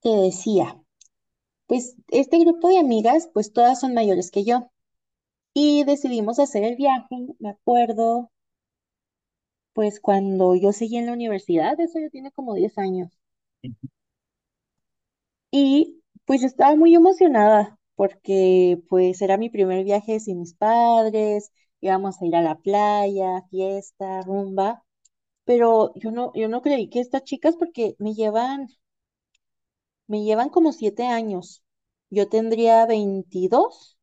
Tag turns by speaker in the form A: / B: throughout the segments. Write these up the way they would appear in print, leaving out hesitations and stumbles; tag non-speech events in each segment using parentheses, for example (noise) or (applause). A: Te decía, pues este grupo de amigas, pues todas son mayores que yo y decidimos hacer el viaje, me acuerdo, pues cuando yo seguía en la universidad. Eso ya tiene como 10 años. Y pues yo estaba muy emocionada porque pues era mi primer viaje sin mis padres. Íbamos a ir a la playa, fiesta, rumba, pero yo no, yo no creí que estas chicas, porque me llevan como 7 años. Yo tendría 22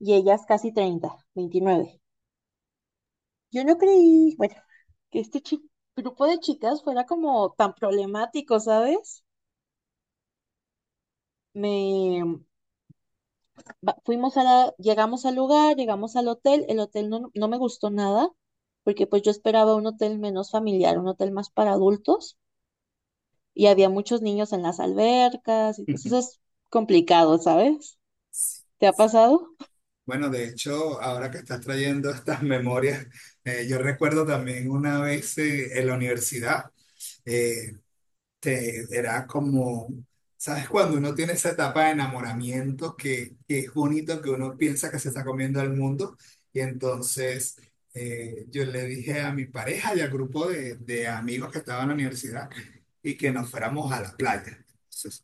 A: y ellas casi 30, 29. Yo no creí, bueno, que grupo de chicas fuera como tan problemático, ¿sabes? Me fuimos a la, llegamos al lugar, llegamos al hotel. El hotel no, no me gustó nada, porque pues yo esperaba un hotel menos familiar, un hotel más para adultos, y había muchos niños en las albercas, y pues eso es
B: (laughs)
A: complicado, ¿sabes? ¿Te ha pasado?
B: Bueno, de hecho, ahora que estás trayendo estas memorias, yo recuerdo también una vez en la universidad. eh, Era como, ¿sabes? Cuando uno tiene esa etapa de enamoramiento que es bonito, que uno piensa que se está comiendo al mundo. Y entonces yo le dije a mi pareja y al grupo de amigos que estaban en la universidad y que nos fuéramos a la playa. Entonces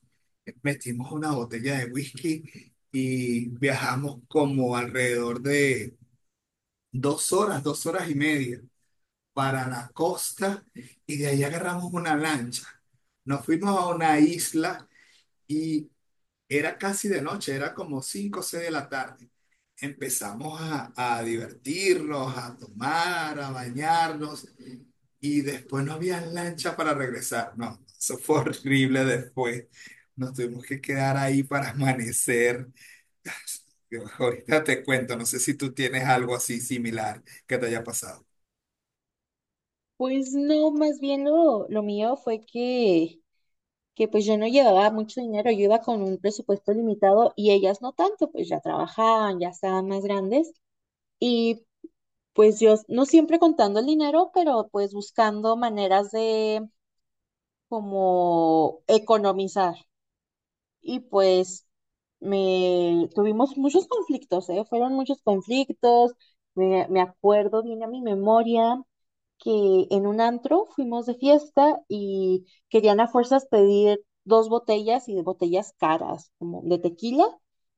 B: metimos una botella de whisky y viajamos como alrededor de dos horas y media para la costa y de ahí agarramos una lancha. Nos fuimos a una isla y era casi de noche, era como 5 o 6 de la tarde. Empezamos a divertirnos, a tomar, a bañarnos y después no había lancha para regresar. No, eso fue horrible después. Nos tuvimos que quedar ahí para amanecer. (laughs) Ahorita te cuento, no sé si tú tienes algo así similar que te haya pasado.
A: Pues no, más bien lo mío fue que pues yo no llevaba mucho dinero, yo iba con un presupuesto limitado y ellas no tanto, pues ya trabajaban, ya estaban más grandes. Y pues yo no, siempre contando el dinero, pero pues buscando maneras de como economizar. Y pues me tuvimos muchos conflictos, ¿eh? Fueron muchos conflictos. Me acuerdo, viene a mi memoria que en un antro fuimos de fiesta y querían a fuerzas pedir dos botellas, y de botellas caras, como de tequila,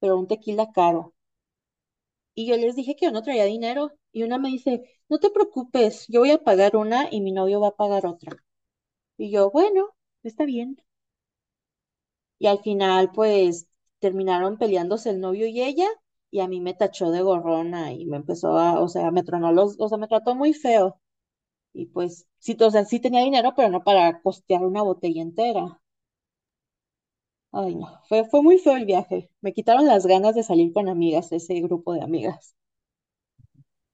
A: pero un tequila caro. Y yo les dije que yo no traía dinero, y una me dice, no te preocupes, yo voy a pagar una y mi novio va a pagar otra. Y yo, bueno, está bien. Y al final, pues, terminaron peleándose el novio y ella, y a mí me tachó de gorrona y me empezó a, o sea, me tronó los, o sea, me trató muy feo. Y pues, sí, o sea, sí tenía dinero, pero no para costear una botella entera. Ay, no, fue muy feo el viaje. Me quitaron las ganas de salir con amigas, ese grupo de amigas.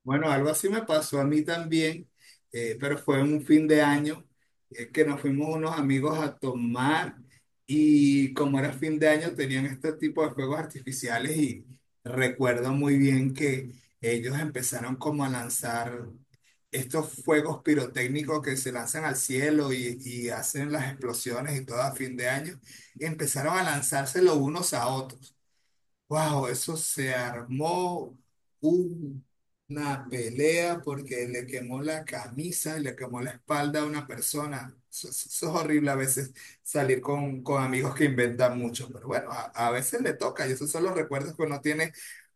B: Bueno, algo así me pasó a mí también, pero fue en un fin de año que nos fuimos unos amigos a tomar y como era fin de año tenían este tipo de fuegos artificiales y recuerdo muy bien que ellos empezaron como a lanzar estos fuegos pirotécnicos que se lanzan al cielo y hacen las explosiones y todo a fin de año, y empezaron a lanzárselo unos a otros. Wow, eso se armó un- una pelea porque le quemó la camisa y le quemó la espalda a una persona. Eso, eso es horrible a veces salir con amigos que inventan mucho, pero bueno, a veces le toca y esos son los recuerdos que uno tiene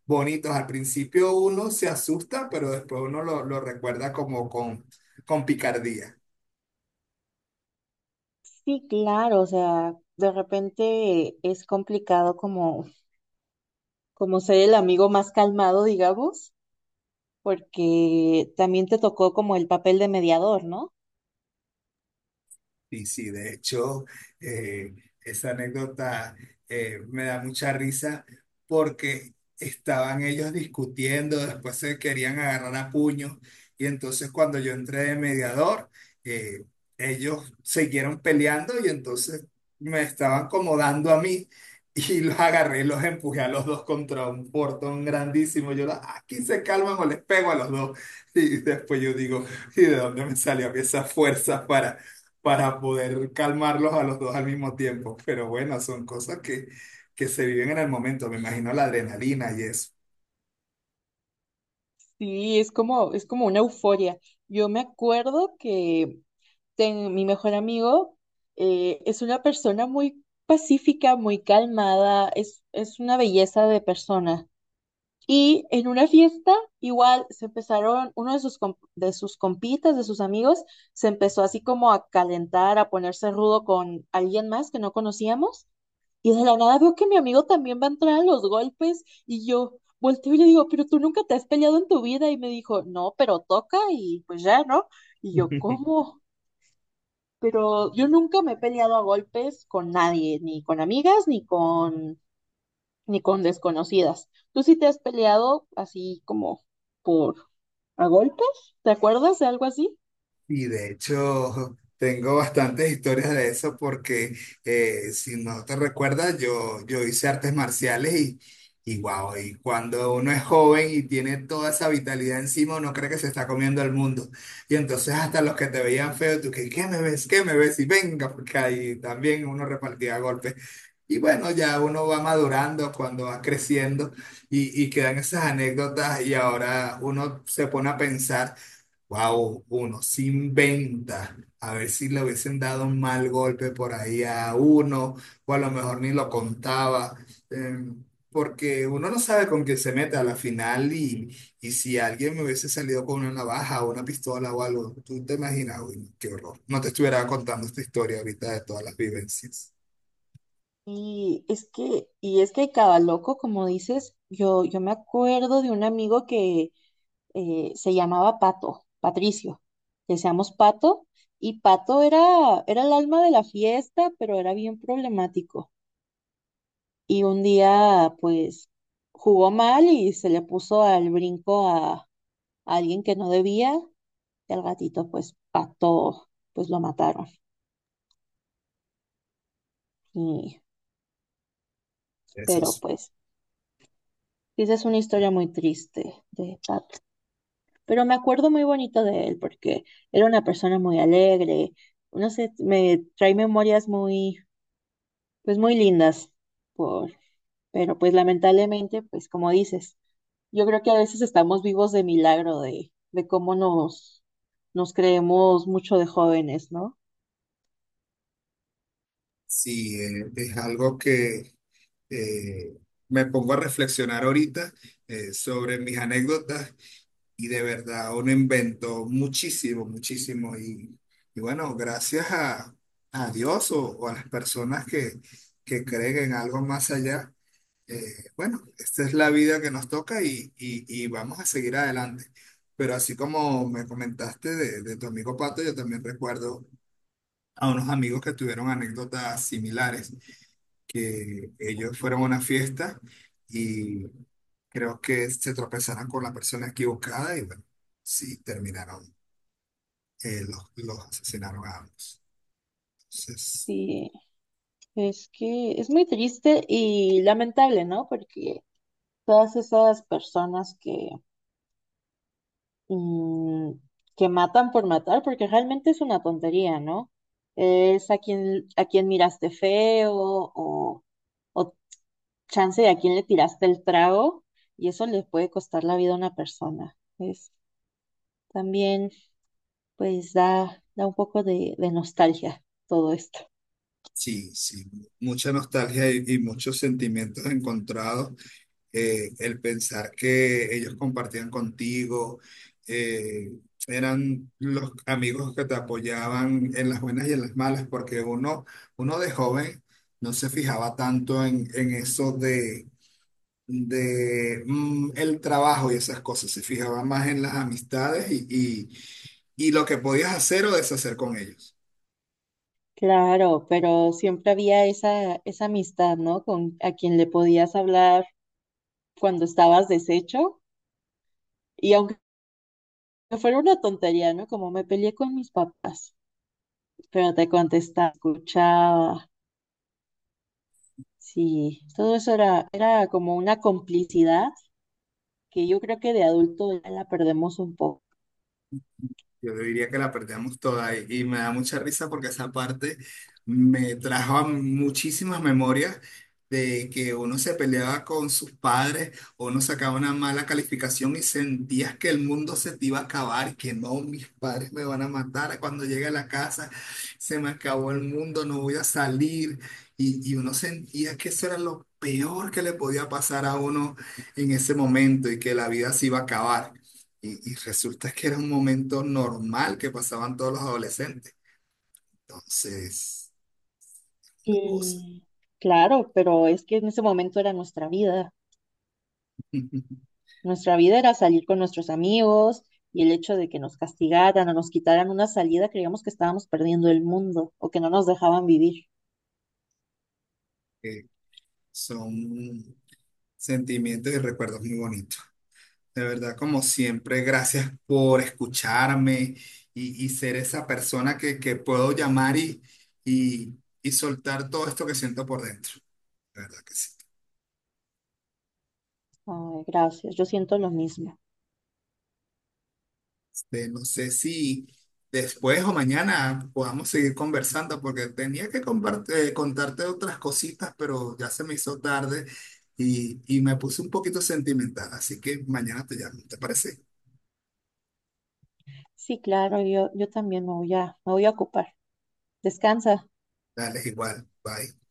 B: bonitos. Al principio uno se asusta, pero después uno lo recuerda como con picardía.
A: Sí, claro, o sea, de repente es complicado, como ser el amigo más calmado, digamos, porque también te tocó como el papel de mediador, ¿no?
B: Sí, sí, de hecho, eh, esa anécdota me da mucha risa porque estaban ellos discutiendo, después se querían agarrar a puños y entonces cuando yo entré de mediador, eh, ellos siguieron peleando y entonces me estaban como dando a mí y (laughs) los agarré y los empujé a los dos contra un portón grandísimo. Yo, "Ah, aquí se calman o les pego a los dos. Y después yo digo, ¿y de dónde me salió a mí esa fuerza para poder calmarlos a los dos al mismo tiempo. Pero bueno, son cosas que se viven en el momento, me imagino la adrenalina y eso.
A: Sí, es como una euforia. Yo me acuerdo que mi mejor amigo, es una persona muy pacífica, muy calmada, es una belleza de persona. Y en una fiesta, igual se empezaron, uno de sus compitas, de sus amigos, se empezó así como a calentar, a ponerse rudo con alguien más que no conocíamos. Y de la nada veo que mi amigo también va a entrar a los golpes, y yo volteo y le digo, pero tú nunca te has peleado en tu vida. Y me dijo, no, pero toca y pues ya, ¿no? Y yo,
B: (laughs)
A: ¿cómo? Pero yo nunca me he peleado a golpes con nadie, ni con amigas, ni con desconocidas. ¿Tú sí te has peleado así como por a golpes? ¿Te acuerdas de algo así?
B: Y de hecho, tengo bastantes historias de eso porque si no te recuerdas, yo hice artes marciales y wow, y cuando uno es joven y tiene toda esa vitalidad encima, uno cree que se está comiendo el mundo. Y entonces hasta los que te veían feo, tú que, ¿qué me ves? ¿Qué me ves? Y venga, porque ahí también uno repartía golpes. Y bueno, ya uno va madurando cuando va creciendo y quedan esas anécdotas y ahora uno se pone a pensar. Wow, uno sin venta. A ver si le hubiesen dado un mal golpe por ahí a uno, o a lo mejor ni lo contaba, eh, porque uno no sabe con quién se mete a la final y si alguien me hubiese salido con una navaja o una pistola o algo, tú te imaginas, uy, no, qué horror. No te estuviera contando esta historia ahorita de todas las vivencias.
A: Y es que cada loco, como dices, yo me acuerdo de un amigo que, se llamaba Pato, Patricio. Decíamos Pato, y Pato era el alma de la fiesta, pero era bien problemático. Y un día, pues, jugó mal y se le puso al brinco a alguien que no debía. Y al gatito, pues, Pato, pues lo mataron. Y,
B: Eso
A: pero,
B: es-
A: pues, sí, esa es una historia muy triste de Pato. Pero me acuerdo muy bonito de él porque era una persona muy alegre. No sé, me trae memorias muy, pues muy lindas, por, pero pues lamentablemente, pues como dices, yo creo que a veces estamos vivos de milagro de cómo nos creemos mucho de jóvenes, ¿no?
B: sí, es algo que eh, me pongo a reflexionar ahorita sobre mis anécdotas. Y de verdad, uno inventó muchísimo, muchísimo. Y bueno, gracias a Dios o a las personas que creen en algo más allá, bueno, esta es la vida que nos toca y, y vamos a seguir adelante. Pero así como me comentaste de tu amigo Pato, yo también recuerdo a unos amigos que tuvieron anécdotas similares, que ellos fueron a una fiesta creo que se tropezarán con la persona equivocada y bueno, sí, terminaron, los asesinaron a ambos. Entonces,
A: Y es que es muy triste y lamentable, ¿no? Porque todas esas personas mm, que matan por matar, porque realmente es una tontería, ¿no? Es a quien miraste feo, o o chance de a quién le tiraste el trago, y eso le puede costar la vida a una persona. Es también, pues da un poco de nostalgia todo esto.
B: sí, sí, mucha nostalgia y muchos sentimientos encontrados. El pensar que ellos compartían contigo, eh, eran los amigos que te apoyaban en las buenas y en las malas, porque uno, uno de joven no se fijaba tanto en eso de el trabajo y esas cosas, se fijaba más en las amistades y lo que podías hacer o deshacer con ellos.
A: Claro, pero siempre había esa amistad, ¿no? Con a quien le podías hablar cuando estabas deshecho, y aunque fuera una tontería, ¿no? Como me peleé con mis papás, pero te contestaba, escuchaba. Sí, todo eso era como una complicidad que yo creo que de adulto ya la perdemos un poco.
B: Yo diría que la perdíamos toda y me da mucha risa porque esa parte me trajo a muchísimas memorias de que uno se peleaba con sus padres o uno sacaba una mala calificación y sentías que el mundo se te iba a acabar, que no, mis padres me van a matar cuando llegue a la casa, se me acabó el mundo, no voy a salir y uno sentía que eso era lo peor que le podía pasar a uno en ese momento y que la vida se iba a acabar. Y resulta que era un momento normal que pasaban todos los adolescentes. Entonces, la cosa.
A: Mm, claro, pero es que en ese momento era nuestra vida.
B: (laughs)
A: Nuestra vida era salir con nuestros amigos, y el hecho de que nos castigaran o nos quitaran una salida, creíamos que estábamos perdiendo el mundo o que no nos dejaban vivir.
B: Que son sentimientos y recuerdos muy bonitos. De verdad, como siempre, gracias por escucharme y ser esa persona que puedo llamar y, y soltar todo esto que siento por dentro. De verdad que sí.
A: Ay, gracias, yo siento lo mismo.
B: De no sé si después o mañana podamos seguir conversando, porque tenía que contarte otras cositas, pero ya se me hizo tarde y me puse un poquito sentimental, así que mañana te llamo, ¿te parece?
A: Sí, claro, yo también me voy a ocupar. Descansa.
B: Dale, igual, bye.